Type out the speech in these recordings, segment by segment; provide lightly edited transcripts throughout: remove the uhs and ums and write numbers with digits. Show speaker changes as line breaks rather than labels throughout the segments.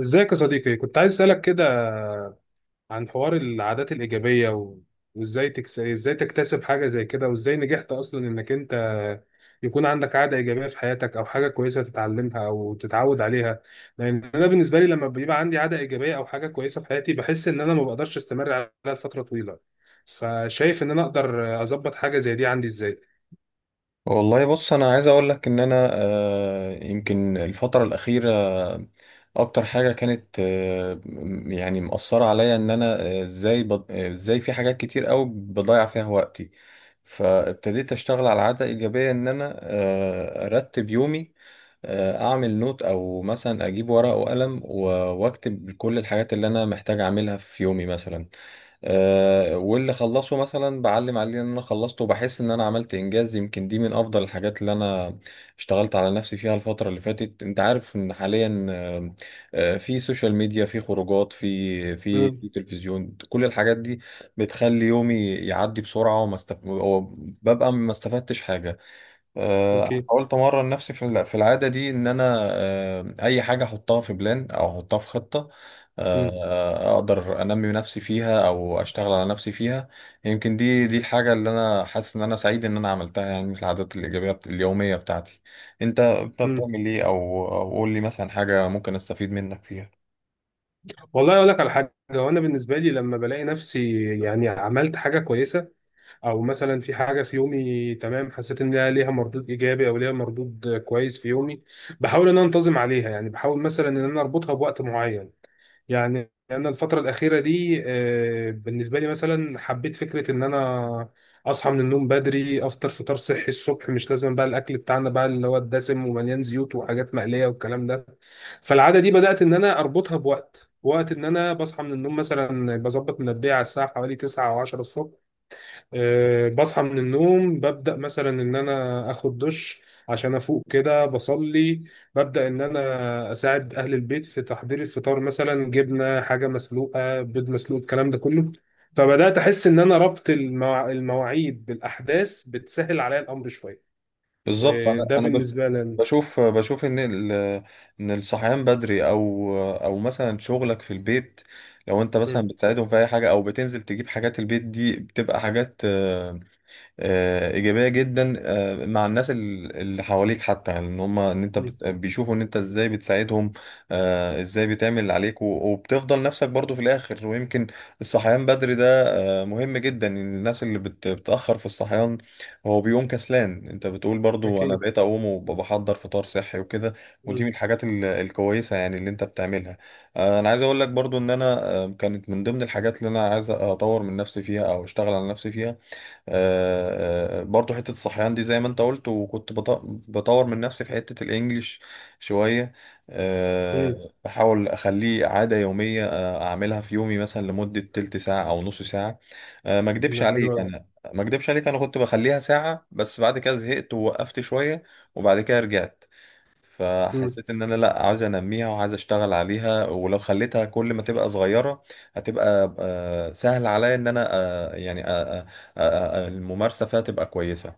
ازيك يا صديقي؟ كنت عايز اسالك كده عن حوار العادات الايجابيه ازاي تكتسب حاجه زي كده، وازاي نجحت اصلا انك انت يكون عندك عاده ايجابيه في حياتك او حاجه كويسه تتعلمها او تتعود عليها. لان انا بالنسبه لي، لما بيبقى عندي عاده ايجابيه او حاجه كويسه في حياتي، بحس ان انا ما بقدرش استمر عليها لفتره طويله. فشايف ان انا اقدر اظبط حاجه زي دي عندي ازاي؟
والله بص انا عايز اقول لك ان انا يمكن الفتره الاخيره اكتر حاجه كانت يعني مأثره عليا ان انا آه، ازاي بض- آه، ازاي في حاجات كتير قوي بضيع فيها وقتي. فابتديت اشتغل على عاده ايجابيه ان انا ارتب يومي، اعمل نوت او مثلا اجيب ورقه وقلم، واكتب كل الحاجات اللي انا محتاج اعملها في يومي مثلا. واللي خلصه مثلا بعلم عليه ان انا خلصته وبحس ان انا عملت انجاز. يمكن دي من افضل الحاجات اللي انا اشتغلت على نفسي فيها الفترة اللي فاتت. انت عارف ان حاليا في سوشيال ميديا، في خروجات، في
امم.
تلفزيون، كل الحاجات دي بتخلي يومي يعدي بسرعة وببقى ما استفدتش حاجة.
اوكي.
حاولت امرن نفسي في في العاده دي ان انا اي حاجه احطها في بلان او احطها في خطه
امم.
اقدر انمي نفسي فيها او اشتغل على نفسي فيها. يمكن دي الحاجه اللي انا حاسس ان انا سعيد ان انا عملتها، يعني في العادات الايجابيه اليوميه بتاعتي. انت
امم.
بتعمل ايه، او قول لي مثلا حاجه ممكن استفيد منك فيها؟
والله اقول لك على حاجه، وانا بالنسبه لي لما بلاقي نفسي يعني عملت حاجه كويسه، او مثلا في حاجه في يومي تمام، حسيت ان ليها مردود ايجابي او ليها مردود كويس في يومي، بحاول ان انا انتظم عليها. يعني بحاول مثلا ان انا اربطها بوقت معين. يعني انا الفتره الاخيره دي، بالنسبه لي مثلا حبيت فكره ان انا اصحى من النوم بدري، افطر فطار صحي الصبح، مش لازم بقى الاكل بتاعنا بقى اللي هو الدسم ومليان زيوت وحاجات مقليه والكلام ده. فالعاده دي بدات ان انا اربطها بوقت ان انا بصحى من النوم مثلا، بظبط منبهي على الساعه حوالي 9 او 10 الصبح. أه، بصحى من النوم ببدأ مثلا إن أنا آخد دش عشان أفوق كده، بصلي، ببدأ إن أنا أساعد أهل البيت في تحضير الفطار، مثلا جبنة، حاجة مسلوقة، بيض مسلوق، الكلام ده كله. فبدأت أحس إن أنا ربط المواعيد بالأحداث بتسهل عليا الأمر شوية.
بالظبط.
أه، ده بالنسبة لي أنا.
بشوف ان ان الصحيان بدري او مثلا شغلك في البيت، لو انت مثلا
مم.
بتساعدهم في اي حاجه او بتنزل تجيب حاجات البيت، دي بتبقى حاجات ايجابيه جدا، مع الناس اللي حواليك. حتى يعني ان هم ان انت
مم.
بيشوفوا ان انت ازاي بتساعدهم، ازاي بتعمل اللي عليك، وبتفضل نفسك برضو في الاخر. ويمكن الصحيان بدري ده مهم جدا. إن الناس اللي بتاخر في الصحيان، هو بيقوم كسلان، انت بتقول برضو انا
أكيد.
بقيت اقوم وبحضر فطار صحي وكده. ودي من
مم.
الحاجات الكويسه يعني اللي انت بتعملها. انا عايز اقول لك برضو ان انا كانت من ضمن الحاجات اللي انا عايز اطور من نفسي فيها او اشتغل على نفسي فيها. برضو حتة الصحيان دي زي ما انت قلت. بطور من نفسي في حتة الانجليش شوية.
مم.
بحاول اخليه عادة يومية، اعملها في يومي مثلا لمدة تلت ساعة او نص ساعة. ما اكدبش
حلو
عليك،
أوي.
انا ما اكدبش عليك انا كنت بخليها ساعة، بس بعد كده زهقت ووقفت شوية وبعد كده رجعت.
مم.
فحسيت ان انا لا، عايز انميها وعايز اشتغل عليها، ولو خليتها كل ما تبقى صغيره هتبقى سهل عليا ان انا الممارسه فيها تبقى كويسه.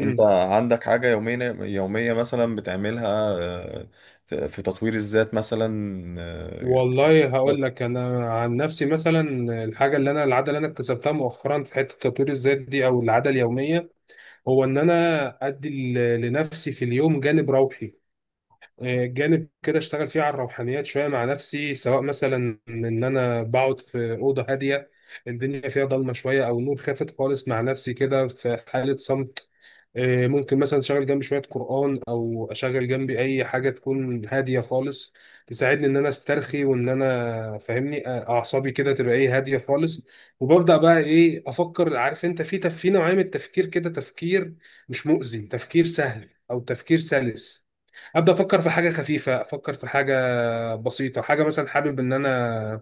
انت عندك حاجه يوميه مثلا بتعملها آه، في تطوير الذات مثلا
والله هقول لك انا عن نفسي مثلا، الحاجه اللي انا، العاده اللي انا اكتسبتها مؤخرا في حته تطوير الذات دي او العاده اليوميه، هو ان انا ادي لنفسي في اليوم جانب روحي، جانب كده اشتغل فيه على الروحانيات شويه مع نفسي، سواء مثلا ان انا بقعد في اوضه هاديه، الدنيا فيها ضلمه شويه او نور خافت خالص، مع نفسي كده في حاله صمت. ممكن مثلا اشغل جنبي شويه قران، او اشغل جنبي اي حاجه تكون هاديه خالص تساعدني ان انا استرخي وان انا فاهمني اعصابي كده تبقى ايه هاديه خالص. وببدا بقى ايه افكر، عارف انت، في في نوعيه من التفكير كده، تفكير مش مؤذي، تفكير سهل او تفكير سلس. ابدا افكر في حاجه خفيفه، افكر في حاجه بسيطه، حاجه مثلا حابب ان انا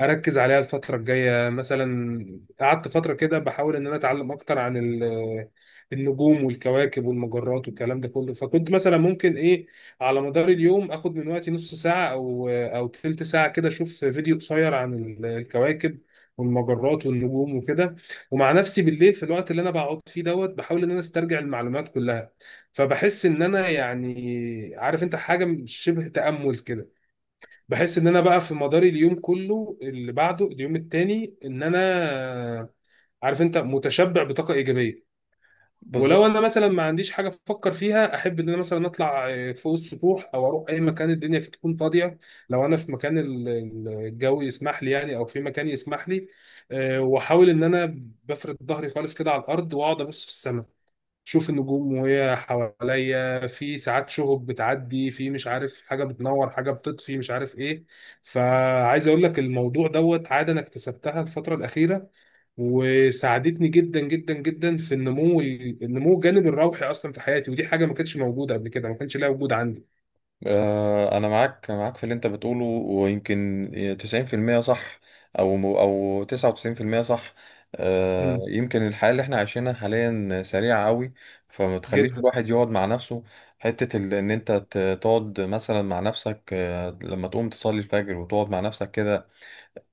اركز عليها الفتره الجايه مثلا. قعدت فتره كده بحاول ان انا اتعلم اكتر عن النجوم والكواكب والمجرات والكلام ده كله، فكنت مثلا ممكن ايه على مدار اليوم اخد من وقتي نص ساعه او تلت ساعه كده، اشوف فيديو قصير عن الكواكب والمجرات والنجوم وكده. ومع نفسي بالليل في الوقت اللي انا بقعد فيه دوت، بحاول ان انا استرجع المعلومات كلها. فبحس ان انا يعني، عارف انت، حاجه شبه تامل كده. بحس ان انا بقى في مداري اليوم كله اللي بعده اليوم التاني، ان انا عارف انت متشبع بطاقه ايجابيه. ولو
بالظبط.
انا مثلا ما عنديش حاجه افكر فيها، احب ان انا مثلا اطلع فوق السطوح او اروح اي مكان الدنيا فيه تكون فاضيه، لو انا في مكان الجو يسمح لي يعني، او في مكان يسمح لي، واحاول ان انا بفرد ظهري خالص كده على الارض، واقعد ابص في السماء، شوف النجوم وهي حواليا، في ساعات شهب بتعدي، في مش عارف حاجة بتنور، حاجة بتطفي، مش عارف ايه. فعايز اقول لك، الموضوع دوت عادة انا اكتسبتها الفترة الأخيرة، وساعدتني جدا جدا جدا في النمو، الجانب الروحي اصلا في حياتي. ودي حاجة ما كانتش موجودة قبل كده، ما كانش لها وجود عندي.
أنا معاك في اللي أنت بتقوله، ويمكن 90% صح، أو 99% صح.
مم.
يمكن الحياة اللي احنا عايشينها حاليا سريعة أوي، فما تخليش
جدا.
الواحد يقعد مع نفسه. حتة إن أنت تقعد مثلا مع نفسك لما تقوم تصلي الفجر وتقعد مع نفسك كده،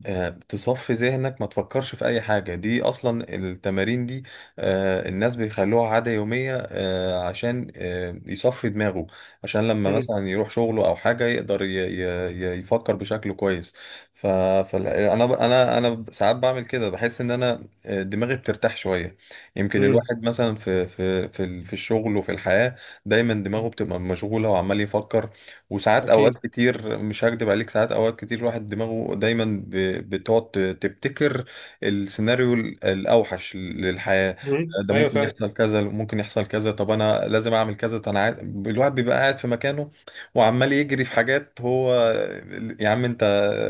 تصفي ذهنك، ما تفكرش في اي حاجة، دي اصلا التمارين دي الناس بيخلوها عادة يومية، عشان يصفي دماغه، عشان لما
مم.
مثلا يروح شغله او حاجة يقدر يفكر بشكل كويس. ف... فانا انا ب- انا أنا ساعات بعمل كده، بحس ان انا دماغي بترتاح شوية. يمكن
مم.
الواحد مثلا في الشغل وفي الحياة دايما دماغه بتبقى مشغولة وعمال يفكر. وساعات، اوقات
اكيد.
كتير مش هكدب عليك، ساعات اوقات كتير الواحد دماغه دايما بتقعد تبتكر السيناريو الاوحش للحياة.
مم.
ده
ايوه
ممكن
فعلا.
يحصل كذا، ممكن يحصل كذا، طب انا لازم اعمل كذا، طب الواحد بيبقى قاعد في مكانه وعمال يجري في حاجات. هو يا عم انت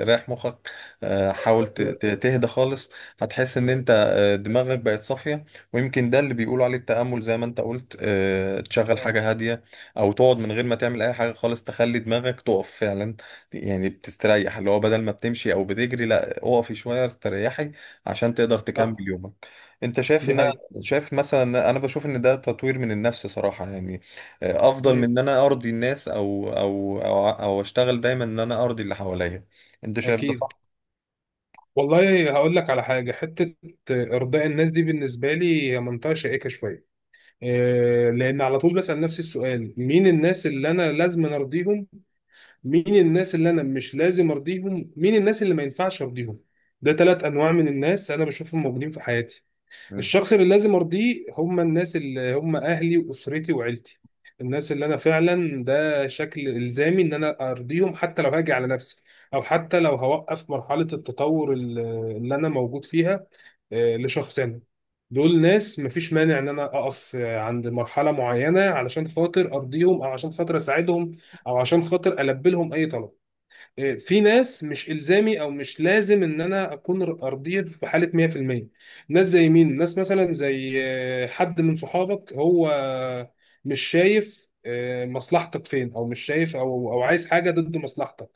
رايح مخك. حاول
مم.
تهدى خالص، هتحس ان انت دماغك بقت صافية. ويمكن ده اللي بيقولوا عليه التأمل زي ما انت قلت، تشغل
آه.
حاجة هادية او تقعد من غير ما تعمل اي حاجه خالص، تخلي دماغك تقف فعلا. يعني بتستريح، اللي هو بدل ما بتمشي او بتجري لا، اقفي شويه استريحي عشان تقدر تكمل
صح.
يومك. انت شايف
دي
ان،
حقيقة.
شايف مثلا انا بشوف ان ده تطوير من النفس صراحه، يعني افضل من
مم.
ان انا ارضي الناس او اشتغل دايما ان انا ارضي اللي حواليا. انت شايف ده
اكيد.
صح؟
والله هقول لك على حاجة، حتة إرضاء الناس دي بالنسبة لي هي منطقة شائكة شوية. إيه، لأن على طول بسأل نفسي السؤال، مين الناس اللي أنا لازم أرضيهم، مين الناس اللي أنا مش لازم أرضيهم، مين الناس اللي ما ينفعش أرضيهم. ده ثلاث أنواع من الناس أنا بشوفهم موجودين في حياتي.
مم.
الشخص اللي لازم ارضيه هم الناس اللي هم اهلي واسرتي وعيلتي، الناس اللي انا فعلا ده شكل الزامي ان انا ارضيهم حتى لو هاجي على نفسي، او حتى لو هوقف مرحلة التطور اللي انا موجود فيها، لشخص انا. دول ناس مفيش مانع ان انا اقف عند مرحلة معينة علشان خاطر ارضيهم، او عشان خاطر اساعدهم، او عشان خاطر البي لهم اي طلب. في ناس مش الزامي او مش لازم ان انا اكون ارضيه في حاله 100%. ناس زي مين؟ ناس مثلا زي حد من صحابك هو مش شايف مصلحتك فين، او مش شايف، او عايز حاجه ضد مصلحتك،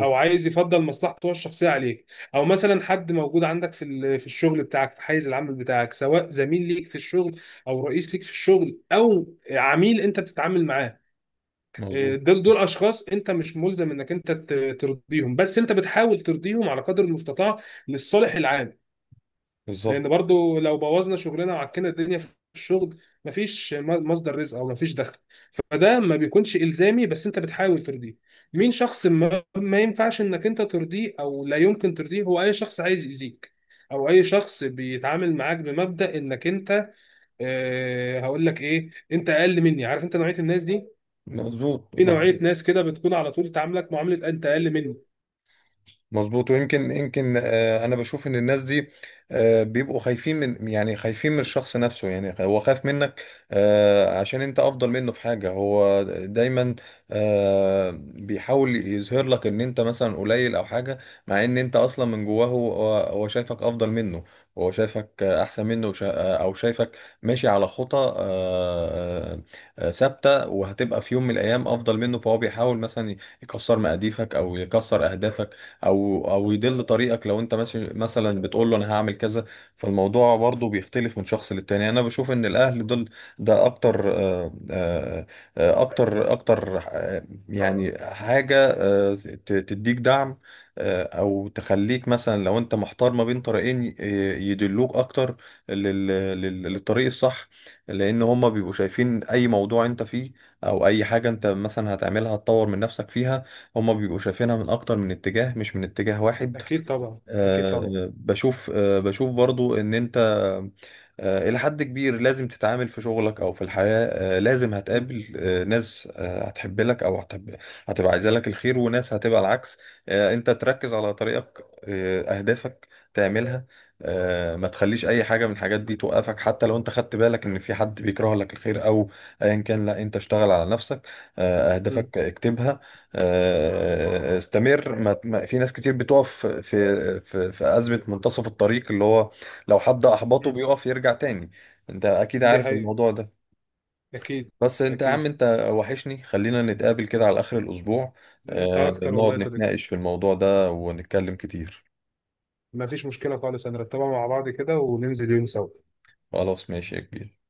او عايز يفضل مصلحته هو الشخصيه عليك، او مثلا حد موجود عندك في في الشغل بتاعك، في حيز العمل بتاعك، سواء زميل ليك في الشغل، او رئيس ليك في الشغل، او عميل انت بتتعامل معاه.
مظبوط.
دول اشخاص انت مش ملزم انك انت ترضيهم، بس انت بتحاول ترضيهم على قدر المستطاع للصالح العام. لان
بالظبط.
برضو لو بوظنا شغلنا وعكنا الدنيا في الشغل، مفيش مصدر رزق او مفيش دخل. فده ما بيكونش الزامي، بس انت بتحاول ترضيه. مين شخص ما ينفعش انك انت ترضيه او لا يمكن ترضيه؟ هو اي شخص عايز يأذيك، او اي شخص بيتعامل معاك بمبدأ انك انت، أه هقول لك ايه، انت اقل مني، عارف انت نوعية الناس دي.
مظبوط
في نوعية
مظبوط.
ناس كده بتكون على طول تعاملك معاملة أنت أقل مني.
مظبوط. يمكن انا بشوف ان الناس دي بيبقوا خايفين من، يعني خايفين من الشخص نفسه، يعني هو خايف منك عشان انت افضل منه في حاجة. هو دايما بيحاول يظهر لك ان انت مثلا قليل او حاجة، مع ان انت اصلا من جواه هو، هو شايفك افضل منه، هو شايفك احسن منه. او شايفك ماشي على خطى ثابتة، وهتبقى في يوم من الايام افضل منه، فهو بيحاول مثلا يكسر مقاديفك او يكسر اهدافك، او يدل طريقك لو انت ماشي مثلا بتقول له انا هعمل كذا. فالموضوع برضو بيختلف من شخص للتاني. انا بشوف ان الاهل دول ده اكتر يعني حاجة تديك دعم، او تخليك مثلا لو انت محتار ما بين طريقين يدلوك اكتر للطريق الصح. لان هما بيبقوا شايفين اي موضوع انت فيه او اي حاجة انت مثلا هتعملها هتطور من نفسك فيها، هما بيبقوا شايفينها من اكتر من اتجاه مش من اتجاه واحد.
أكيد طبعا، أكيد طبعا.
بشوف، بشوف برضو ان انت الى حد كبير لازم تتعامل في شغلك او في الحياة. لازم
مم.
هتقابل ناس هتحب لك او هتحب، هتبقى عايزة لك الخير، وناس هتبقى العكس. انت تركز على طريقك، اهدافك تعملها، ما تخليش اي حاجة من الحاجات دي توقفك، حتى لو انت خدت بالك ان في حد بيكره لك الخير او ايا كان، لا، انت اشتغل على نفسك.
مم.
اهدافك اكتبها، استمر. في ناس كتير بتقف في أزمة منتصف الطريق، اللي هو لو حد أحبطه
مم.
بيقف يرجع تاني. انت اكيد
دي
عارف
حقيقة.
الموضوع ده.
أكيد.
بس انت يا
أكيد.
عم انت وحشني، خلينا نتقابل كده على آخر الأسبوع،
أنت أكتر والله
نقعد
يا صديقي.
نتناقش في الموضوع ده ونتكلم كتير.
مفيش مشكلة خالص، هنرتبها مع بعض كده وننزل يوم سوا.
خلاص ماشي يا كبير.